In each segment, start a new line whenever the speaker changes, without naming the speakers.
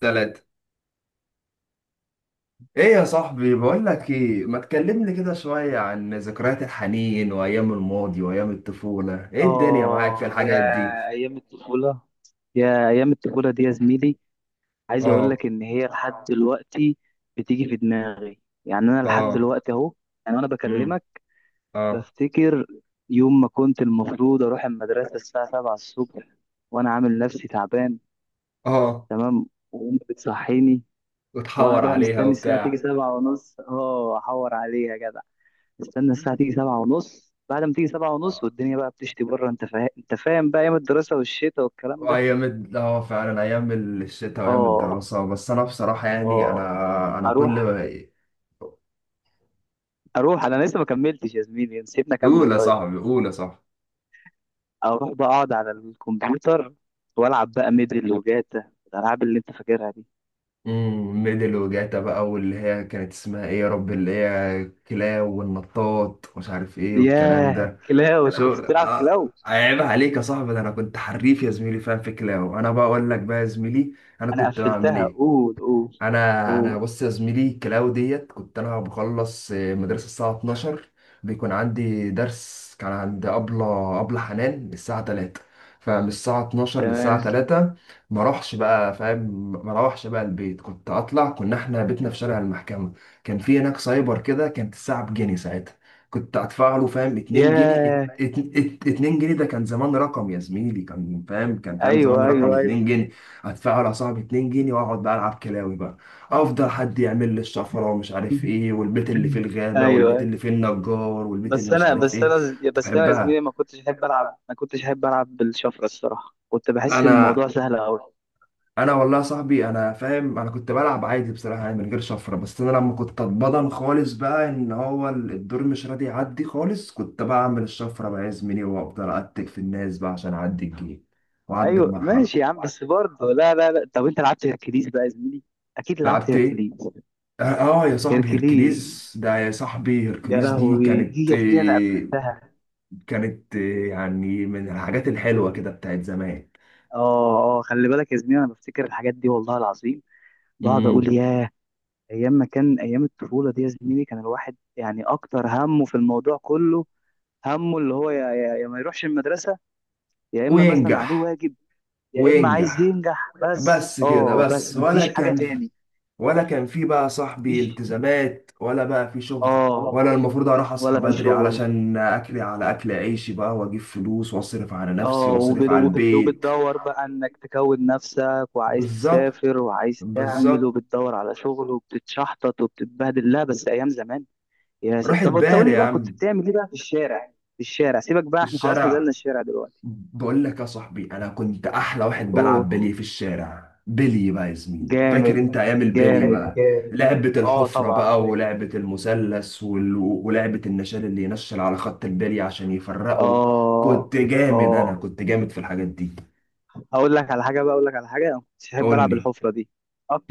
ثلاثة. ايه يا صاحبي؟ بقول لك ايه، ما تكلمني كده شوية عن ذكريات الحنين وايام الماضي وايام الطفولة، ايه الدنيا معاك في
اه يا
الحاجات دي؟
ايام الطفوله، يا ايام الطفوله دي يا زميلي. عايز اقول
اه.
لك ان هي لحد دلوقتي بتيجي في دماغي، يعني انا لحد
اه.
دلوقتي اهو، يعني وانا
امم
بكلمك
اه.
بفتكر يوم ما كنت المفروض اروح المدرسه الساعه 7 الصبح وانا عامل نفسي تعبان.
اه
تمام. وامي بتصحيني وانا
وتحور
بقى
عليها
مستني الساعه تيجي
وبتاع.
7 ونص. اه، احور عليها يا جدع. استنى الساعه تيجي 7 ونص، بعد ما تيجي 7 ونص
آه،
والدنيا بقى بتشتي بره. انت فاهم بقى ايام الدراسه والشتاء والكلام ده.
وايام فعلا ايام الشتاء وايام
اه.
الدراسة. بس انا بصراحة يعني انا
اه.
انا كل...
اروح اروح، انا لسه ما كملتش يا زميلي، سيبنا اكمل
قول يا
طيب.
صاحبي، قول يا صاحبي.
اروح بقى اقعد على الكمبيوتر والعب بقى ميدل وجاتا، الالعاب اللي انت فاكرها دي.
ميدل وجاتا بقى، واللي هي كانت اسمها ايه يا رب؟ اللي هي كلاو والنطاط ومش عارف ايه والكلام
ياه،
ده.
كلاو؟ انت انا
شو
كنت بتلعب
آه،
كلاو.
عيب عليك يا صاحبي، ده انا كنت حريف يا زميلي فاهم في كلاو. انا بقى اقول لك بقى يا زميلي انا
انا
كنت بعمل
قفلتها.
ايه.
قول، قول،
انا
قول.
بص يا زميلي، الكلاو ديت كنت انا بخلص مدرسه الساعه 12، بيكون عندي درس كان عند ابله حنان الساعه 3. فمن الساعه 12
تمام.
للساعه 3 ما اروحش بقى، فاهم؟ ما اروحش بقى البيت، كنت اطلع. كنا احنا بيتنا في شارع المحكمه، كان في هناك سايبر كده، كانت الساعه بجنيه ساعتها. كنت ادفع له فاهم 2 جنيه،
ياه.
2 جنيه ده كان زمان رقم يا زميلي، كان فاهم، كان فاهم زمان
ايوه،
رقم
ايوه، ايوه.
2 جنيه. ادفع له يا صاحبي 2 جنيه واقعد بقى العب كلاوي بقى. افضل حد يعمل لي الشفره ومش عارف ايه، والبيت اللي فيه الغابه، والبيت
ايوه.
اللي فيه النجار، والبيت اللي
بس
مش
انا
عارف
بس
ايه.
انا
كنت
بس انا يا زميلي،
بحبها.
ما كنتش احب العب بالشفره. الصراحه كنت بحس ان
انا
الموضوع سهل قوي.
انا والله يا صاحبي انا فاهم، انا كنت بلعب عادي بصراحه، يعني من غير شفره. بس انا لما كنت اتبضن خالص بقى ان هو الدور مش راضي يعدي خالص، كنت بعمل الشفره بقى يا زميلي وافضل اتك في الناس بقى عشان اعدي الجيم واعدي
ايوه ماشي
المرحله.
يا عم. بس برضه لا، لا، لا. طب انت لعبت هيركليز بقى يا زميلي؟ اكيد لعبت
لعبت ايه؟
هيركليز.
اه. آه يا صاحبي
هيركليز،
هيركليز ده، يا صاحبي
يا
هيركليز دي
لهوي، دي
كانت
يا زميلي انا
آه،
قفلتها.
كانت آه، يعني من الحاجات الحلوة كده بتاعت زمان.
اه، اه، خلي بالك يا زميلي، انا بفتكر الحاجات دي والله العظيم. بقعد اقول
امم
ياه. ايام ما كان، ايام الطفوله دي يا زميلي، كان الواحد يعني اكتر همه في الموضوع كله، همه اللي هو يا ما يروحش المدرسه، يا اما مثلا عليه
وينجح.
واجب، يا اما عايز
وينجح
ينجح. بس
بس كده، بس
بس
ولا
مفيش حاجه
كان،
تاني.
ولا كان في بقى صاحبي
مفيش.
التزامات، ولا بقى في شغل، ولا
اه.
المفروض اروح اصحى
ولا في
بدري
شغل.
علشان اكلي على اكل عيشي بقى واجيب فلوس واصرف على نفسي
اه،
واصرف على البيت.
وبتدور بقى انك تكون نفسك، وعايز
بالظبط.
تسافر وعايز تعمل
بالظبط.
وبتدور على شغل وبتتشحطط وبتتبهدل. لا، بس ايام زمان.
راحت
طب انت قول
بالي
لي
يا
بقى،
عم.
كنت بتعمل ايه بقى في الشارع؟ في الشارع سيبك
في
بقى، احنا خلاص نزلنا
الشارع،
الشارع دلوقتي.
بقول لك يا صاحبي انا كنت احلى واحد بلعب
اوه.
بلي في الشارع. بلي بقى يا زميلي، فاكر
جامد،
انت ايام البلي
جامد،
بقى؟
جامد.
لعبة
اه
الحفرة
طبعا
بقى،
فاكر.
ولعبة المثلث، ولعبة النشال اللي ينشل على خط البلي عشان يفرقه. كنت
اه.
جامد، انا
اه.
كنت جامد في الحاجات دي.
اقول لك على حاجه بقى اقول لك على حاجه، انا ما كنتش احب
قول
العب
لي.
الحفره دي.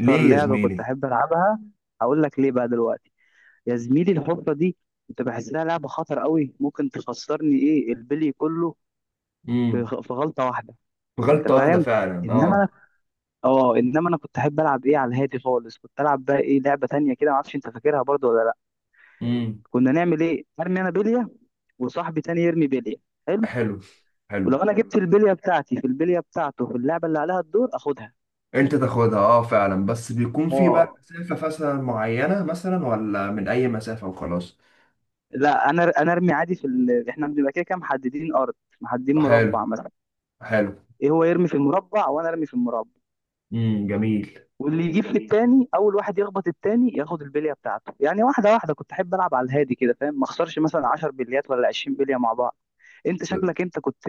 ليه يا
لعبه كنت
زميلي؟
احب العبها، هقول لك ليه بقى دلوقتي. يا زميلي الحفرة دي انت بحسها لعبة خطر قوي، ممكن تخسرني ايه البلي كله في
امم
في غلطة واحدة. انت
غلطة واحدة
فاهم؟
فعلا،
انما انا،
اه.
اه انما انا كنت احب العب ايه على الهادي خالص. كنت العب بقى ايه لعبة تانية كده، معرفش انت فاكرها برضو ولا لا.
امم
كنا نعمل ايه، ارمي انا بلية وصاحبي تاني يرمي بلية. حلو.
حلو.
ولو
حلو.
انا جبت البلية بتاعتي في البلية بتاعته، في اللعبة اللي عليها الدور، اخدها.
انت تاخدها، اه فعلا. بس بيكون في بقى
اه.
مسافة مثلا معينة، مثلا، ولا من اي مسافة وخلاص؟
لا، انا ارمي عادي في احنا بنبقى كده كده محددين ارض، محددين
حلو.
مربع مثلا.
حلو.
ايه هو يرمي في المربع وانا ارمي في المربع،
جميل.
واللي يجيب في التاني اول واحد يخبط التاني، ياخد البليه بتاعته يعني. واحده واحده كنت احب العب، على الهادي كده، فاهم؟ ما اخسرش مثلا 10 بليات ولا 20 بليه مع بعض. انت شكلك انت كنت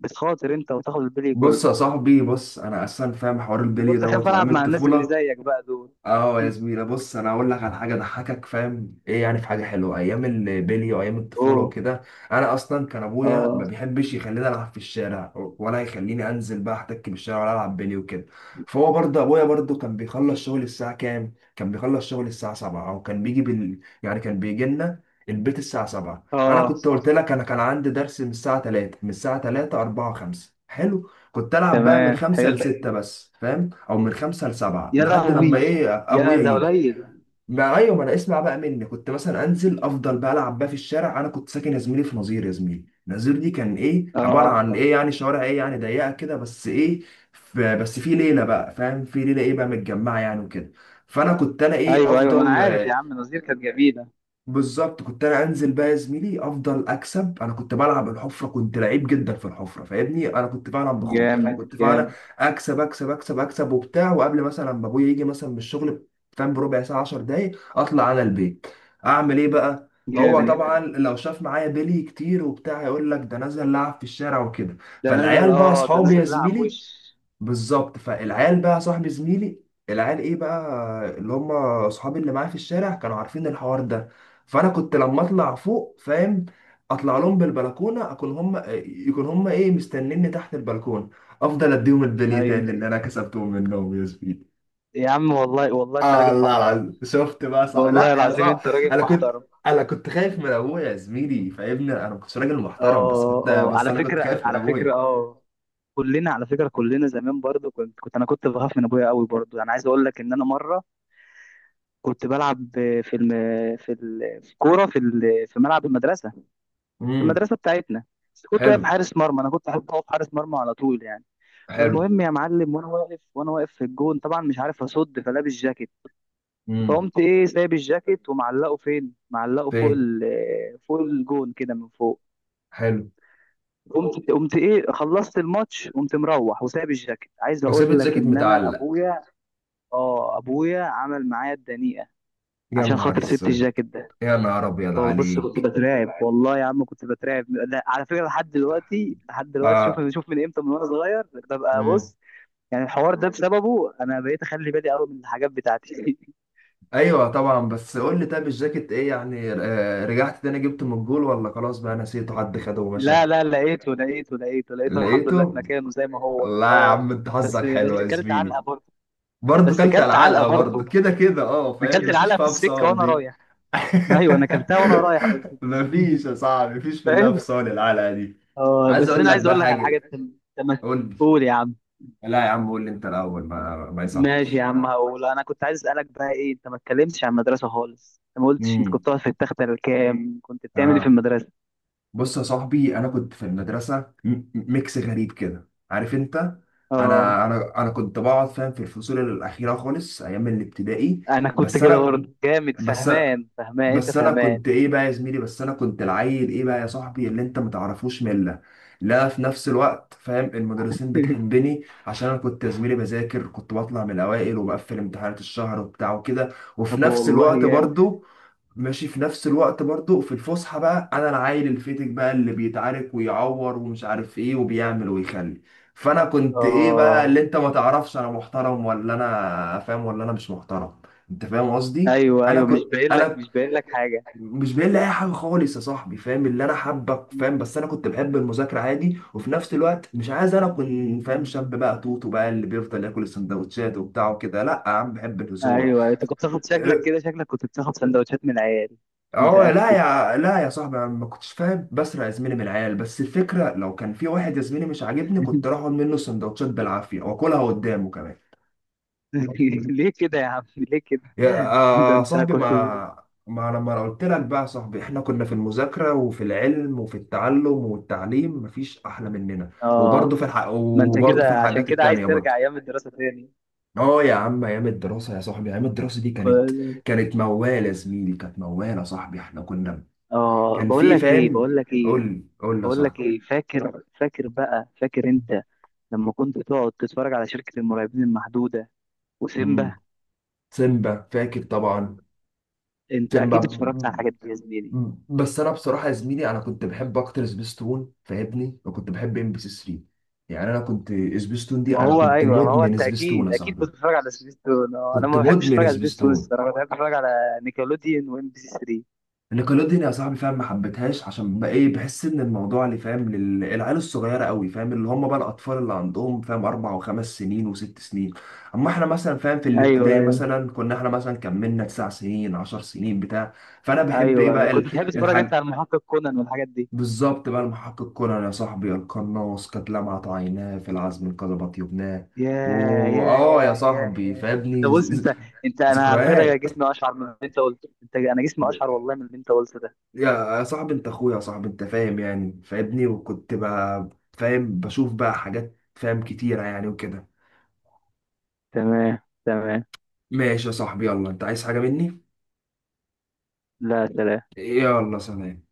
بتخاطر انت وتاخد البلي
بص يا
كله.
صاحبي، بص انا اصلا فاهم حوار
انا
البلي
كنت اخاف
دوت وايام
العب مع الناس اللي
الطفوله.
زيك بقى دول.
اه يا زميلة بص، انا اقول لك على حاجه ضحكك فاهم ايه يعني، في حاجه حلوه ايام البلي وايام الطفوله
اوه.
وكده. انا اصلا كان ابويا ما
اه.
بيحبش يخليني العب في الشارع، ولا يخليني انزل بقى احتك بالشارع، ولا العب بلي وكده. فهو برضه ابويا برضه كان بيخلص شغل الساعه كام؟ كان بيخلص شغل الساعه 7، او كان بيجي يعني كان بيجي لنا البيت الساعه 7. انا
اه.
كنت قلت لك انا كان عندي درس من الساعه 3. من الساعه 3، 4، 5، حلو، كنت العب بقى من
تمام.
5 ل
حلو.
6 بس، فاهم؟ او من خمسة لسبعة
يا
لحد
لهوي.
لما ايه
يا
ابويا
ده
يجي.
قليل.
ما ايوه، ما انا اسمع بقى مني، كنت مثلا انزل افضل بقى العب بقى في الشارع. انا كنت ساكن يا زميلي في نظير، يا زميلي نظير دي كان ايه عباره
اه.
عن ايه يعني؟ شوارع ايه يعني ضيقه كده بس ايه، بس في ليله بقى، فاهم، في ليله ايه بقى متجمعه يعني وكده. فانا كنت انا ايه
ايوه، ايوه، ما انا
افضل.
عارف يا عم، نظير كانت جميله.
بالظبط، كنت انا انزل بقى يا زميلي افضل اكسب. انا كنت بلعب الحفره، كنت لعيب جدا في الحفره، فاهمني؟ انا كنت بلعب بخاطر،
جامد،
كنت فعلا
جامد،
اكسب اكسب اكسب اكسب وبتاع. وقبل مثلا ما ابويا يجي مثلا من الشغل فاهم، بربع ساعه، 10 دقايق اطلع انا البيت. اعمل ايه بقى؟ هو طبعا
جامد.
لو شاف معايا بيلي كتير وبتاع يقول لك ده نزل لعب في الشارع وكده.
ده نزل،
فالعيال بقى
اه، ده
اصحابي يا
نزل لعب
زميلي.
وش.
بالظبط، فالعيال بقى صاحب زميلي، العيال ايه بقى، اللي هم اصحابي اللي معايا في الشارع، كانوا عارفين الحوار ده. فانا كنت لما اطلع فوق فاهم، اطلع لهم بالبلكونه، اكون هم يكون هم ايه مستنيني تحت البلكونه، افضل اديهم البلي
ايوه
تاني اللي انا كسبتهم منهم يا زميلي.
يا عم والله والله انت
آه
راجل
الله
محترم.
العظيم. شفت بقى صعب؟ لا
والله
يا
العظيم
صعب،
انت راجل
انا كنت،
محترم.
انا كنت خايف من ابويا يا زميلي فاهمني. انا ما كنتش راجل محترم، بس
اه،
كنت
اه،
بس
على
انا كنت
فكره،
خايف من
على فكره،
ابويا.
اه، كلنا على فكره، كلنا زمان برضو كنت انا كنت بخاف من ابويا قوي برضو. انا عايز اقول لك ان انا مره كنت بلعب في الم... في ال... في كوره في ال... في ملعب المدرسه، في
امم
المدرسه بتاعتنا. بس كنت واقف
حلو.
حارس مرمى، انا كنت احب اقف حارس مرمى على طول يعني.
حلو.
فالمهم يا معلم، وانا واقف في الجون طبعا مش عارف اصد، فلابس جاكيت.
امم
فقمت ايه سايب الجاكيت ومعلقه، فين معلقه؟ فوق
فين؟
فوق الجون كده من فوق.
حلو.
قمت ايه خلصت الماتش. قمت مروح وسايب الجاكيت، عايز
وسابت
اقول لك
جاكيت
ان انا
متعلق؟
ابويا، اه ابويا عمل معايا الدنيئه
يا
عشان
نهار
خاطر سبت
اسود.
الجاكيت ده.
يا نهار ابيض
بص، كنت
عليك.
بترعب والله يا عم كنت بترعب. لا، على فكره، لحد دلوقتي لحد دلوقتي. شوف،
آه.
شوف، من امتى، من وانا صغير ببقى،
مم.
بص، يعني الحوار ده بسببه انا بقيت اخلي بالي قوي من الحاجات بتاعتي.
ايوه طبعا. بس قول لي، طب الجاكيت ايه يعني؟ آه، رجعت تاني جبته من الجول ولا خلاص بقى نسيته حد خده ومشى؟
لا، لا، لقيته، لقيته، لقيته، لقيته، الحمد لله في
لقيته.
مكانه زي ما هو.
لا يا
اه.
عم، انت
بس،
حظك حلو يا
كلت علقه
زميلي.
برضه.
برضه
بس
كلت على
كلت علقه
العلقه برضه،
برضه.
كده كده اه
انا
فاهم،
كلت
مفيش
العلقه في
فيها
السكه
فصال
وانا
دي.
رايح. ايوه انا كلتها وانا رايح.
مفيش يا صاحبي، مفيش في الله
فاهم؟
فصال العلقه دي.
اه
عايز
بس
اقول
انا
لك
عايز
بقى
اقول لك على حاجه.
حاجه. قول
قول يا عم.
لي. لا يا عم قول لي انت الاول، ما
ماشي يا
يصحش.
عم، هقول. انا كنت عايز اسالك بقى ايه، انت ما اتكلمتش عن المدرسه خالص. انت ما قلتش انت
امم
كنت واقف في التخته الكام، كنت بتعمل ايه في
آه.
المدرسه.
بص يا صاحبي انا كنت في المدرسه، ميكس غريب كده، عارف انت؟
اه
انا كنت بقعد فاهم في الفصول الاخيره خالص ايام الابتدائي.
انا كنت
بس
كده
انا
برضه جامد،
بس
فهمان انت
بس انا
فهمان.
كنت ايه بقى يا زميلي، بس انا كنت العيل ايه بقى يا صاحبي اللي انت متعرفوش مله. لا، في نفس الوقت فاهم المدرسين بتحبني عشان انا كنت يا زميلي بذاكر، كنت بطلع من الاوائل وبقفل امتحانات الشهر وبتاع وكده. وفي
طب
نفس
والله
الوقت
جامد.
برضو، ماشي، في نفس الوقت برضو في الفسحة بقى أنا العيل الفتك بقى اللي بيتعارك ويعور ومش عارف إيه وبيعمل ويخلي. فأنا كنت إيه بقى، اللي
اه.
أنت ما تعرفش أنا محترم ولا أنا فاهم ولا أنا مش محترم. أنت فاهم قصدي؟
ايوه،
أنا
ايوه،
كنت
مش باين
أنا
لك
ك-
مش باين لك حاجه.
مش باين لي أي حاجة خالص يا صاحبي فاهم، اللي أنا حابك فاهم. بس أنا كنت بحب المذاكرة عادي، وفي نفس الوقت مش عايز أنا أكون فاهم شاب بقى توتو بقى اللي بيفضل ياكل السندوتشات وبتاع وكده. لأ يا عم، بحب الهزار.
ايوه انت كنت بتاخد شكلك كده، شكلك كنت بتاخد سندوتشات من العيال؟
اه، لا
متاكد؟
يا، لا يا صاحبي انا ما كنتش فاهم بسرق يا زميلي من العيال، بس الفكره لو كان في واحد يا زميلي مش عاجبني كنت اخد منه سندوتشات بالعافيه واكلها قدامه كمان.
ليه كده يا عم، ليه كده.
يا
ده
آه، آه،
انت
صاحبي
كنت،
ما لما انا قلت لك بقى يا صاحبي، احنا كنا في المذاكره وفي العلم وفي التعلم والتعليم مفيش احلى مننا. وبرضه
اه
في
ما انت
وبرضه في
كده، عشان
الحاجات
كده عايز
التانيه
ترجع
برضه.
ايام الدراسه تاني؟
اه يا عم، ايام الدراسه يا صاحبي، ايام الدراسه دي كانت،
كويس.
كانت موالة يا زميلي، كانت موالة يا صاحبي. احنا كنا،
اه،
كان
بقول
في
لك ايه
فاهم.
بقول لك
قول
ايه
لي، قول لي يا
بقول لك
صاحبي.
ايه، فاكر بقى، فاكر انت لما كنت تقعد تتفرج على شركه المرعبين المحدوده
مم.
وسيمبا؟
سيمبا فاكر طبعا.
انت
سيمبا.
اكيد اتفرجت على
مم.
الحاجات دي يا زميلي.
مم. بس انا بصراحه يا زميلي انا كنت بحب اكتر سبيستون فاهمني، وكنت بحب ام بي سي 3. يعني انا كنت، سبيستون دي
ما
انا
هو
كنت
ايوه، ما هو
مدمن
انت
سبيستون يا
اكيد،
صاحبي.
كنت بتتفرج على سبيستون. آه، انا
كنت
ما بحبش
مدمن
اتفرج على سبيستون
سبيستون.
الصراحه، بحب اتفرج على نيكلوديون وام بي سي 3.
نيكلوديان يا صاحبي فاهم ما حبيتهاش عشان بقى ايه، بحس ان الموضوع اللي فاهم للعيال الصغيره قوي، فاهم اللي هم بقى الاطفال اللي عندهم فاهم 4 و5 سنين و6 سنين. اما احنا مثلا فاهم في
ايوه،
الابتدائي
ايوه،
مثلا كنا احنا مثلا كملنا 9 سنين 10 سنين بتاع. فانا بحب ايه
ايوه.
بقى
كنت
ال-
بتحب تتفرج انت
الحاج
على محقق كونان والحاجات دي.
بالظبط بقى، المحقق كونان يا صاحبي، القناص قد لمعت عيناه في العزم انقلب طيبناه.
يا يا
واه يا
يا يا
صاحبي
يا انت، بص، انت، انت، انا على فكره
ذكريات.
جسمي اشعر من اللي انت قلته. انت، انا جسمي اشعر والله من اللي انت قلته ده.
يا صاحبي انت اخويا يا صاحبي، انت فاهم يعني فاهمني. وكنت بقى فاهم بشوف بقى حاجات فاهم كتيرة يعني وكده.
تمام. تمام.
ماشي يا صاحبي، يلا، انت عايز حاجة مني؟
لا، سلام.
يلا، سلام.